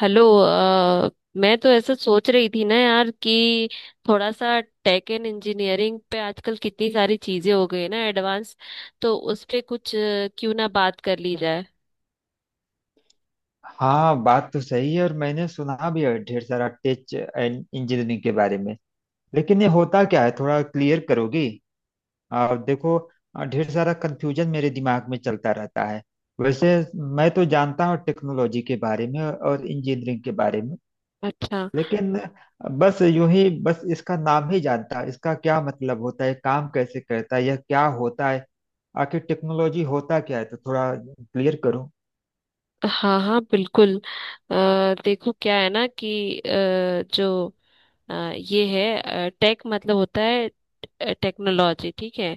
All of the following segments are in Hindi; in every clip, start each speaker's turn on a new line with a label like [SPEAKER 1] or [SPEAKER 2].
[SPEAKER 1] हेलो मैं तो ऐसा सोच रही थी ना यार कि थोड़ा सा टेक एंड इंजीनियरिंग पे आजकल कितनी सारी चीजें हो गई है ना एडवांस। तो उस पे कुछ क्यों ना बात कर ली जाए।
[SPEAKER 2] हाँ बात तो सही है, और मैंने सुना भी है ढेर सारा टेच एंड इंजीनियरिंग के बारे में। लेकिन ये होता क्या है, थोड़ा क्लियर करोगी? देखो, ढेर सारा कंफ्यूजन मेरे दिमाग में चलता रहता है। वैसे मैं तो जानता हूँ टेक्नोलॉजी के बारे में और इंजीनियरिंग के बारे में,
[SPEAKER 1] अच्छा।
[SPEAKER 2] लेकिन बस यूं ही बस इसका नाम ही जानता। इसका क्या मतलब होता है, काम कैसे करता है, यह क्या होता है, आखिर टेक्नोलॉजी होता क्या है? तो थोड़ा क्लियर करो।
[SPEAKER 1] हाँ हाँ बिल्कुल। देखो क्या है ना कि अ, ये है टेक मतलब होता है टेक्नोलॉजी। ठीक है।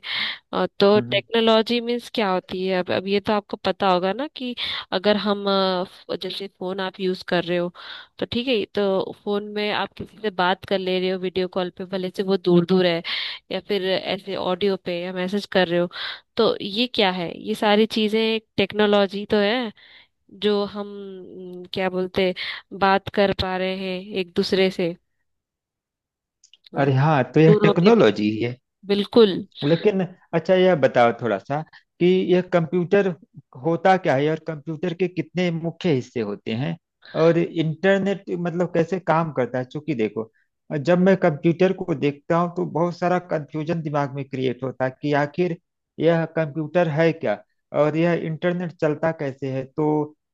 [SPEAKER 1] तो
[SPEAKER 2] हम्म। हम्म।
[SPEAKER 1] टेक्नोलॉजी मीन्स क्या होती है? अब ये तो आपको पता होगा ना कि अगर हम जैसे फोन आप यूज कर रहे हो, तो ठीक है, तो फोन में आप किसी से बात कर ले रहे हो वीडियो कॉल पे, भले से वो दूर दूर है, या फिर ऐसे ऑडियो पे या मैसेज कर रहे हो। तो ये क्या है, ये सारी चीजें एक टेक्नोलॉजी तो है, जो हम म, क्या बोलते हैं, बात कर पा रहे हैं एक दूसरे से। हाँ,
[SPEAKER 2] अरे हाँ, तो यह
[SPEAKER 1] दूर होके भी।
[SPEAKER 2] टेक्नोलॉजी ही है।
[SPEAKER 1] बिल्कुल।
[SPEAKER 2] लेकिन अच्छा, यह बताओ थोड़ा सा कि यह कंप्यूटर होता क्या है, और कंप्यूटर के कितने मुख्य हिस्से होते हैं, और इंटरनेट मतलब कैसे काम करता है? क्योंकि देखो, जब मैं कंप्यूटर को देखता हूँ तो बहुत सारा कंफ्यूजन दिमाग में क्रिएट होता है कि आखिर यह कंप्यूटर है क्या, और यह इंटरनेट चलता कैसे है। तो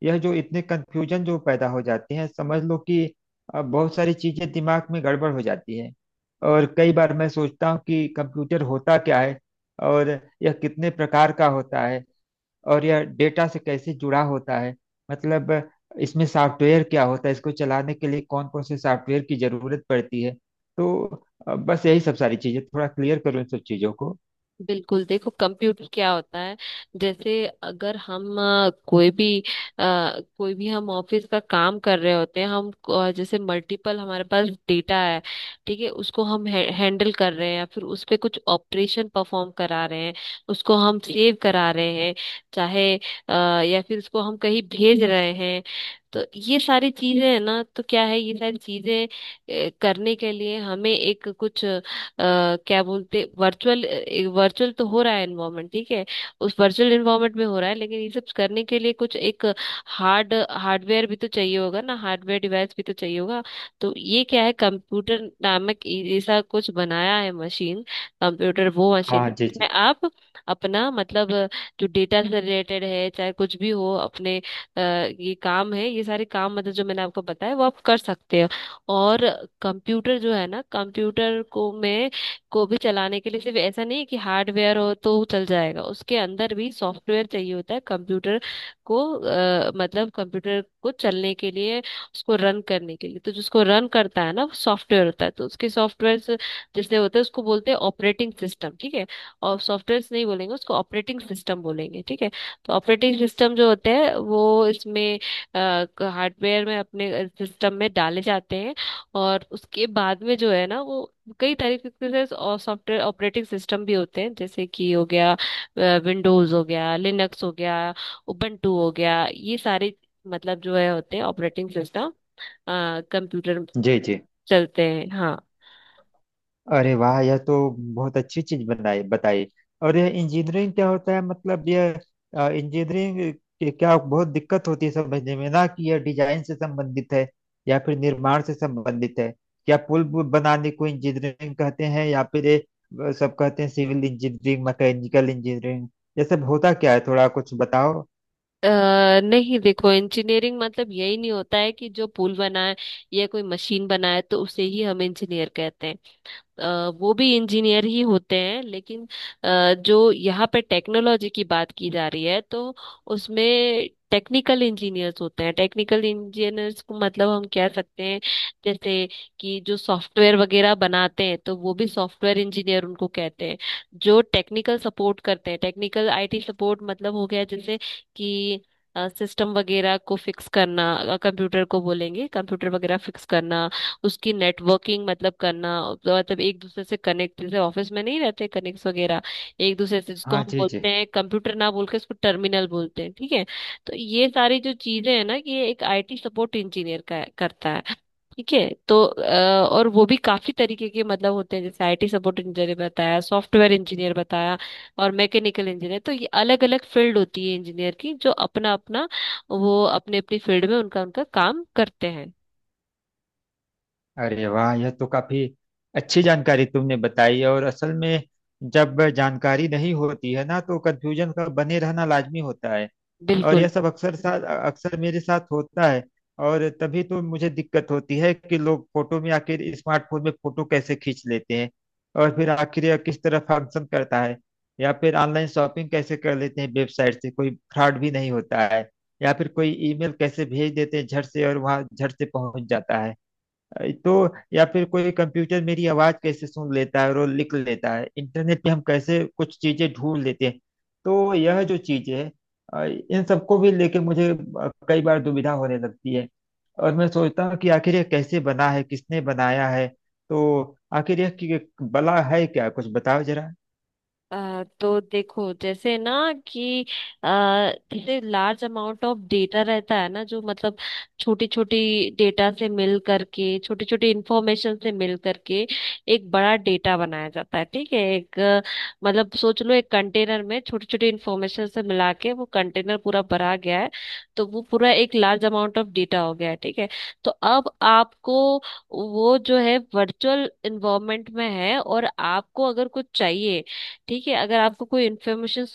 [SPEAKER 2] यह जो इतने कंफ्यूजन जो पैदा हो जाते हैं, समझ लो कि बहुत सारी चीजें दिमाग में गड़बड़ हो जाती है। और कई बार मैं सोचता हूँ कि कंप्यूटर होता क्या है, और यह कितने प्रकार का होता है, और यह डेटा से कैसे जुड़ा होता है। मतलब इसमें सॉफ्टवेयर क्या होता है, इसको चलाने के लिए कौन कौन से सॉफ्टवेयर की जरूरत पड़ती है। तो बस यही सब सारी चीजें थोड़ा क्लियर करो, इन सब चीजों को।
[SPEAKER 1] बिल्कुल देखो, कंप्यूटर क्या होता है। जैसे अगर हम अ, कोई भी हम ऑफिस का काम कर रहे होते हैं, हम जैसे मल्टीपल हमारे पास डेटा है, ठीक है, उसको हम हैंडल कर रहे हैं या फिर उस पे कुछ ऑपरेशन परफॉर्म करा रहे हैं, उसको हम सेव करा रहे हैं, चाहे अ, या फिर उसको हम कहीं भेज रहे हैं। तो ये सारी चीजें है ना, तो क्या है ये सारी चीजें करने के लिए हमें एक कुछ, क्या बोलते, वर्चुअल वर्चुअल तो हो रहा है एनवायरनमेंट, ठीक है, उस वर्चुअल एनवायरनमेंट में हो रहा है। लेकिन ये सब करने के लिए कुछ एक हार्ड हार्डवेयर भी तो चाहिए होगा ना, हार्डवेयर डिवाइस भी तो चाहिए होगा। तो ये क्या है, कंप्यूटर नामक ऐसा कुछ बनाया है मशीन, कंप्यूटर, वो मशीन
[SPEAKER 2] हाँ जी
[SPEAKER 1] जिसमें
[SPEAKER 2] जी।
[SPEAKER 1] आप अपना मतलब जो डेटा से रिलेटेड है, चाहे कुछ भी हो अपने, ये काम है, ये सारे काम मतलब जो मैंने आपको बताया, वो आप कर सकते हो। और कंप्यूटर जो है ना, कंप्यूटर को भी चलाने के लिए सिर्फ ऐसा नहीं है कि हार्डवेयर हो तो चल जाएगा, उसके अंदर भी सॉफ्टवेयर चाहिए होता है। कंप्यूटर को मतलब कंप्यूटर को चलने के लिए, उसको रन करने के लिए, तो जिसको रन करता है ना सॉफ्टवेयर होता है, तो उसके सॉफ्टवेयर जैसे होते हैं, उसको बोलते हैं ऑपरेटिंग सिस्टम, ठीक है, और सॉफ्टवेयर नहीं बोलेंगे, उसको ऑपरेटिंग सिस्टम बोलेंगे, ठीक है। तो ऑपरेटिंग सिस्टम जो होते हैं वो इसमें हार्डवेयर में अपने सिस्टम में डाले जाते हैं। और उसके बाद में जो है ना, वो कई तरीके के से और सॉफ्टवेयर ऑपरेटिंग सिस्टम भी होते हैं, जैसे कि हो गया विंडोज, हो गया लिनक्स, हो गया उबंटू, हो गया, ये सारे मतलब जो है होते हैं ऑपरेटिंग सिस्टम, कंप्यूटर
[SPEAKER 2] जी जी।
[SPEAKER 1] चलते हैं। हाँ।
[SPEAKER 2] अरे वाह, यह तो बहुत अच्छी चीज बनाई बताई। और यह इंजीनियरिंग क्या होता है, मतलब यह इंजीनियरिंग के क्या बहुत दिक्कत होती है समझने में ना, कि यह डिजाइन से संबंधित है या फिर निर्माण से संबंधित है, या बनाने को इंजीनियरिंग कहते हैं, या फिर ये सब कहते हैं सिविल इंजीनियरिंग, मैकेनिकल इंजीनियरिंग। यह सब होता क्या है, थोड़ा कुछ बताओ।
[SPEAKER 1] अ, नहीं देखो, इंजीनियरिंग मतलब यही नहीं होता है कि जो पुल बनाए या कोई मशीन बनाए तो उसे ही हम इंजीनियर कहते हैं। वो भी इंजीनियर ही होते हैं, लेकिन जो यहाँ पे टेक्नोलॉजी की बात की जा रही है, तो उसमें टेक्निकल इंजीनियर्स होते हैं। टेक्निकल इंजीनियर्स को मतलब हम कह सकते हैं जैसे कि जो सॉफ्टवेयर वगैरह बनाते हैं, तो वो भी सॉफ्टवेयर इंजीनियर उनको कहते हैं। जो टेक्निकल सपोर्ट करते हैं, टेक्निकल आईटी सपोर्ट, मतलब हो गया जैसे कि सिस्टम वगैरह को फिक्स करना, कंप्यूटर को बोलेंगे कंप्यूटर वगैरह फिक्स करना, उसकी नेटवर्किंग मतलब करना, तो मतलब एक दूसरे से कनेक्ट जैसे ऑफिस में नहीं रहते कनेक्ट वगैरह एक दूसरे से, जिसको
[SPEAKER 2] हाँ
[SPEAKER 1] हम
[SPEAKER 2] जी जी।
[SPEAKER 1] बोलते हैं कंप्यूटर ना बोल के इसको टर्मिनल बोलते हैं, ठीक है। तो ये सारी जो चीजें हैं ना कि ये एक आईटी सपोर्ट इंजीनियर का करता है, ठीक है। तो और वो भी काफी तरीके के मतलब होते हैं, जैसे आईटी सपोर्ट इंजीनियर बताया, सॉफ्टवेयर इंजीनियर बताया, और मैकेनिकल इंजीनियर, तो ये अलग अलग फील्ड होती है इंजीनियर की, जो अपना अपना वो अपने अपनी फील्ड में उनका उनका काम करते हैं।
[SPEAKER 2] अरे वाह, यह तो काफी अच्छी जानकारी तुमने बताई। और असल में जब जानकारी नहीं होती है ना, तो कंफ्यूजन का बने रहना लाजमी होता है। और यह
[SPEAKER 1] बिल्कुल।
[SPEAKER 2] सब अक्सर साथ, अक्सर मेरे साथ होता है। और तभी तो मुझे दिक्कत होती है कि लोग फोटो में आखिर स्मार्टफोन में फोटो कैसे खींच लेते हैं, और फिर आखिर यह किस तरह फंक्शन करता है। या फिर ऑनलाइन शॉपिंग कैसे कर लेते हैं, वेबसाइट से कोई फ्रॉड भी नहीं होता है। या फिर कोई ईमेल कैसे भेज देते हैं झट से, और वहां झट से पहुंच जाता है। तो या फिर कोई कंप्यूटर मेरी आवाज कैसे सुन लेता है और वो लिख लेता है, इंटरनेट पे हम कैसे कुछ चीजें ढूंढ लेते हैं। तो यह जो चीजें हैं, अ, इन सबको भी लेके मुझे कई बार दुविधा होने लगती है। और मैं सोचता हूँ कि आखिर यह कैसे बना है, किसने बनाया है। तो आखिर यह बला है क्या, कुछ बताओ जरा।
[SPEAKER 1] तो देखो जैसे ना कि अ, जैसे लार्ज अमाउंट ऑफ डेटा रहता है ना, जो मतलब छोटी छोटी डेटा से मिल करके, छोटी छोटी इंफॉर्मेशन से मिल करके एक बड़ा डेटा बनाया जाता है, ठीक है। एक मतलब सोच लो एक कंटेनर में छोटी छोटी इंफॉर्मेशन से मिला के वो कंटेनर पूरा भरा गया है, तो वो पूरा एक लार्ज अमाउंट ऑफ डेटा हो गया है, ठीक है। तो अब आपको वो जो है वर्चुअल इन्वायरमेंट में है, और आपको अगर कुछ चाहिए, ठीक है, अगर आपको कोई इन्फॉर्मेशन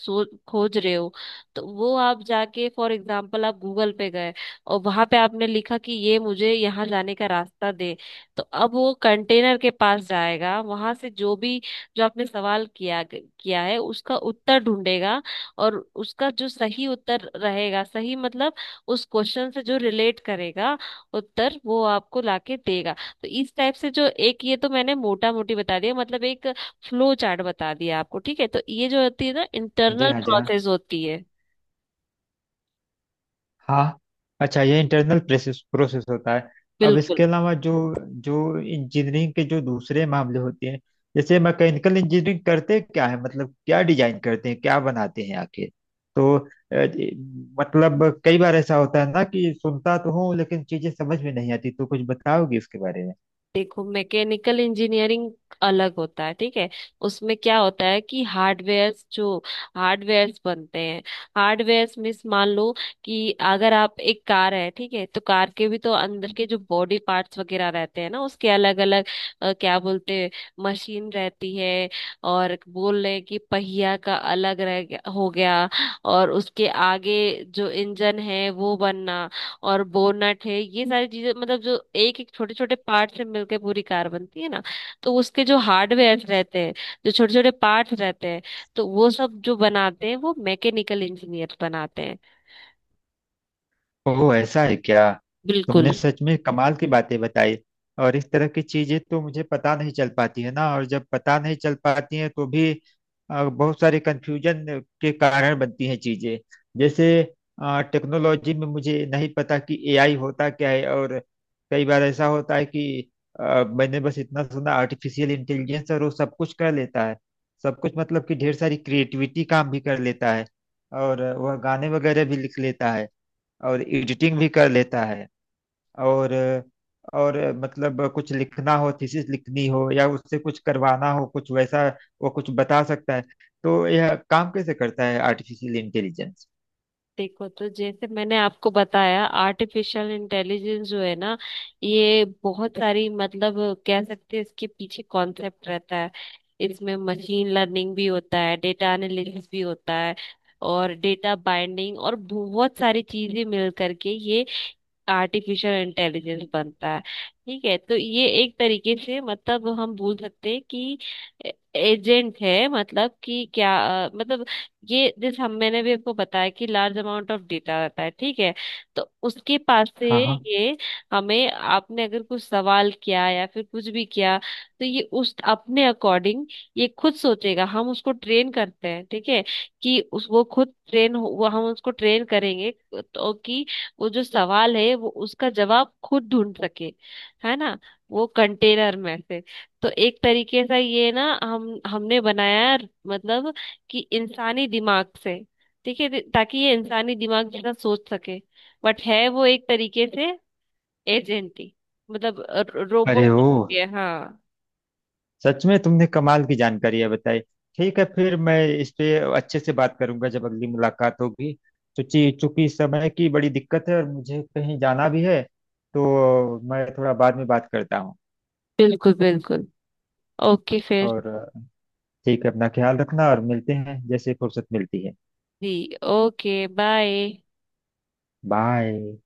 [SPEAKER 1] खोज रहे हो, तो वो आप जाके फॉर एग्जांपल आप गूगल पे गए, और वहां पे आपने लिखा कि ये मुझे यहाँ जाने का रास्ता दे, तो अब वो कंटेनर के पास जाएगा, वहां से जो भी, जो आपने सवाल किया किया है उसका उत्तर ढूंढेगा, और उसका जो सही उत्तर रहेगा, सही मतलब उस क्वेश्चन से जो रिलेट करेगा उत्तर, वो आपको लाके देगा। तो इस टाइप से जो एक, ये तो मैंने मोटा मोटी बता दिया, मतलब एक फ्लो चार्ट बता दिया आपको, ठीक है। तो ये जो होती है ना
[SPEAKER 2] जी
[SPEAKER 1] इंटरनल
[SPEAKER 2] हाँ। जी हाँ।
[SPEAKER 1] प्रोसेस होती है।
[SPEAKER 2] हाँ। अच्छा, ये इंटरनल प्रोसेस प्रोसेस होता है। अब
[SPEAKER 1] बिल्कुल।
[SPEAKER 2] इसके अलावा जो जो इंजीनियरिंग के जो दूसरे मामले होते हैं, जैसे मैकेनिकल इंजीनियरिंग करते क्या है, मतलब क्या डिजाइन करते हैं, क्या बनाते हैं आखिर? तो अ, ये- मतलब कई बार ऐसा होता है ना कि सुनता तो हूँ लेकिन चीजें समझ में नहीं आती। तो कुछ बताओगी इसके बारे में?
[SPEAKER 1] देखो मैकेनिकल इंजीनियरिंग अलग होता है, ठीक है। उसमें क्या होता है कि हार्डवेयर्स बनते हैं, हार्डवेयर्स मीन्स मान लो कि अगर आप एक कार है, ठीक है, तो कार के भी तो अंदर के जो बॉडी पार्ट्स वगैरह रहते हैं ना, उसके अलग अलग, क्या बोलते हैं, मशीन रहती है, और बोल रहे हैं कि पहिया का अलग रह गया हो गया, और उसके आगे जो इंजन है वो बनना, और बोनट है, ये सारी चीजें मतलब जो एक एक छोटे छोटे पार्ट से मिलकर पूरी कार बनती है ना, तो उसके जो हार्डवेयर रहते हैं, जो छोटे छोटे पार्ट्स रहते हैं, तो वो सब जो बनाते हैं वो मैकेनिकल इंजीनियर बनाते हैं।
[SPEAKER 2] ओह, ऐसा है क्या।
[SPEAKER 1] बिल्कुल।
[SPEAKER 2] तुमने सच में कमाल की बातें बताई। और इस तरह की चीजें तो मुझे पता नहीं चल पाती है ना, और जब पता नहीं चल पाती हैं तो भी बहुत सारे कंफ्यूजन के कारण बनती हैं चीजें। जैसे टेक्नोलॉजी में मुझे नहीं पता कि एआई होता क्या है। और कई बार ऐसा होता है कि मैंने बस इतना सुना आर्टिफिशियल इंटेलिजेंस, और वो सब कुछ कर लेता है। सब कुछ मतलब कि ढेर सारी क्रिएटिविटी काम भी कर लेता है, और वह गाने वगैरह भी लिख लेता है, और एडिटिंग भी कर लेता है, और और मतलब कुछ लिखना हो, थीसिस लिखनी हो, या उससे कुछ करवाना हो कुछ वैसा, वो कुछ बता सकता है। तो यह काम कैसे करता है आर्टिफिशियल इंटेलिजेंस?
[SPEAKER 1] देखो, तो जैसे मैंने आपको बताया, आर्टिफिशियल इंटेलिजेंस जो है ना, ये बहुत सारी मतलब कह सकते हैं इसके पीछे कॉन्सेप्ट रहता है। इसमें मशीन लर्निंग भी होता है, डेटा एनालिटिक्स भी होता है, और डेटा बाइंडिंग, और बहुत सारी चीजें मिल करके ये आर्टिफिशियल इंटेलिजेंस बनता है, ठीक है। तो ये एक तरीके से मतलब हम बोल सकते हैं कि एजेंट है, मतलब कि क्या, मतलब ये जैसे हम मैंने भी आपको बताया कि लार्ज अमाउंट ऑफ डेटा रहता है, ठीक है, तो उसके पास से
[SPEAKER 2] हाँ हाँ।
[SPEAKER 1] ये हमें, आपने अगर कुछ सवाल किया या फिर कुछ भी किया, तो ये उस अपने अकॉर्डिंग ये खुद सोचेगा, हम उसको ट्रेन करते हैं, ठीक है, कि उस वो खुद ट्रेन हो, वो हम उसको ट्रेन करेंगे तो कि वो जो सवाल है वो उसका जवाब खुद ढूंढ सके, है ना, वो कंटेनर में से। तो एक तरीके से ये ना हम हमने बनाया है, मतलब कि इंसानी दिमाग से, ठीक है, ताकि ये इंसानी दिमाग जैसा सोच सके, बट है वो एक तरीके से एजेंट ही, मतलब
[SPEAKER 2] अरे
[SPEAKER 1] रोबोट।
[SPEAKER 2] ओ,
[SPEAKER 1] हाँ।
[SPEAKER 2] सच में तुमने कमाल की जानकारी है बताई। ठीक है, फिर मैं इस पे अच्छे से बात करूंगा जब अगली मुलाकात होगी। चूंकि चूंकि समय की बड़ी दिक्कत है और मुझे कहीं जाना भी है, तो मैं थोड़ा बाद में बात करता हूँ।
[SPEAKER 1] बिल्कुल बिल्कुल। ओके फिर।
[SPEAKER 2] और ठीक है, अपना ख्याल रखना, और मिलते हैं जैसे फुर्सत मिलती है।
[SPEAKER 1] जी। Okay bye.
[SPEAKER 2] बाय।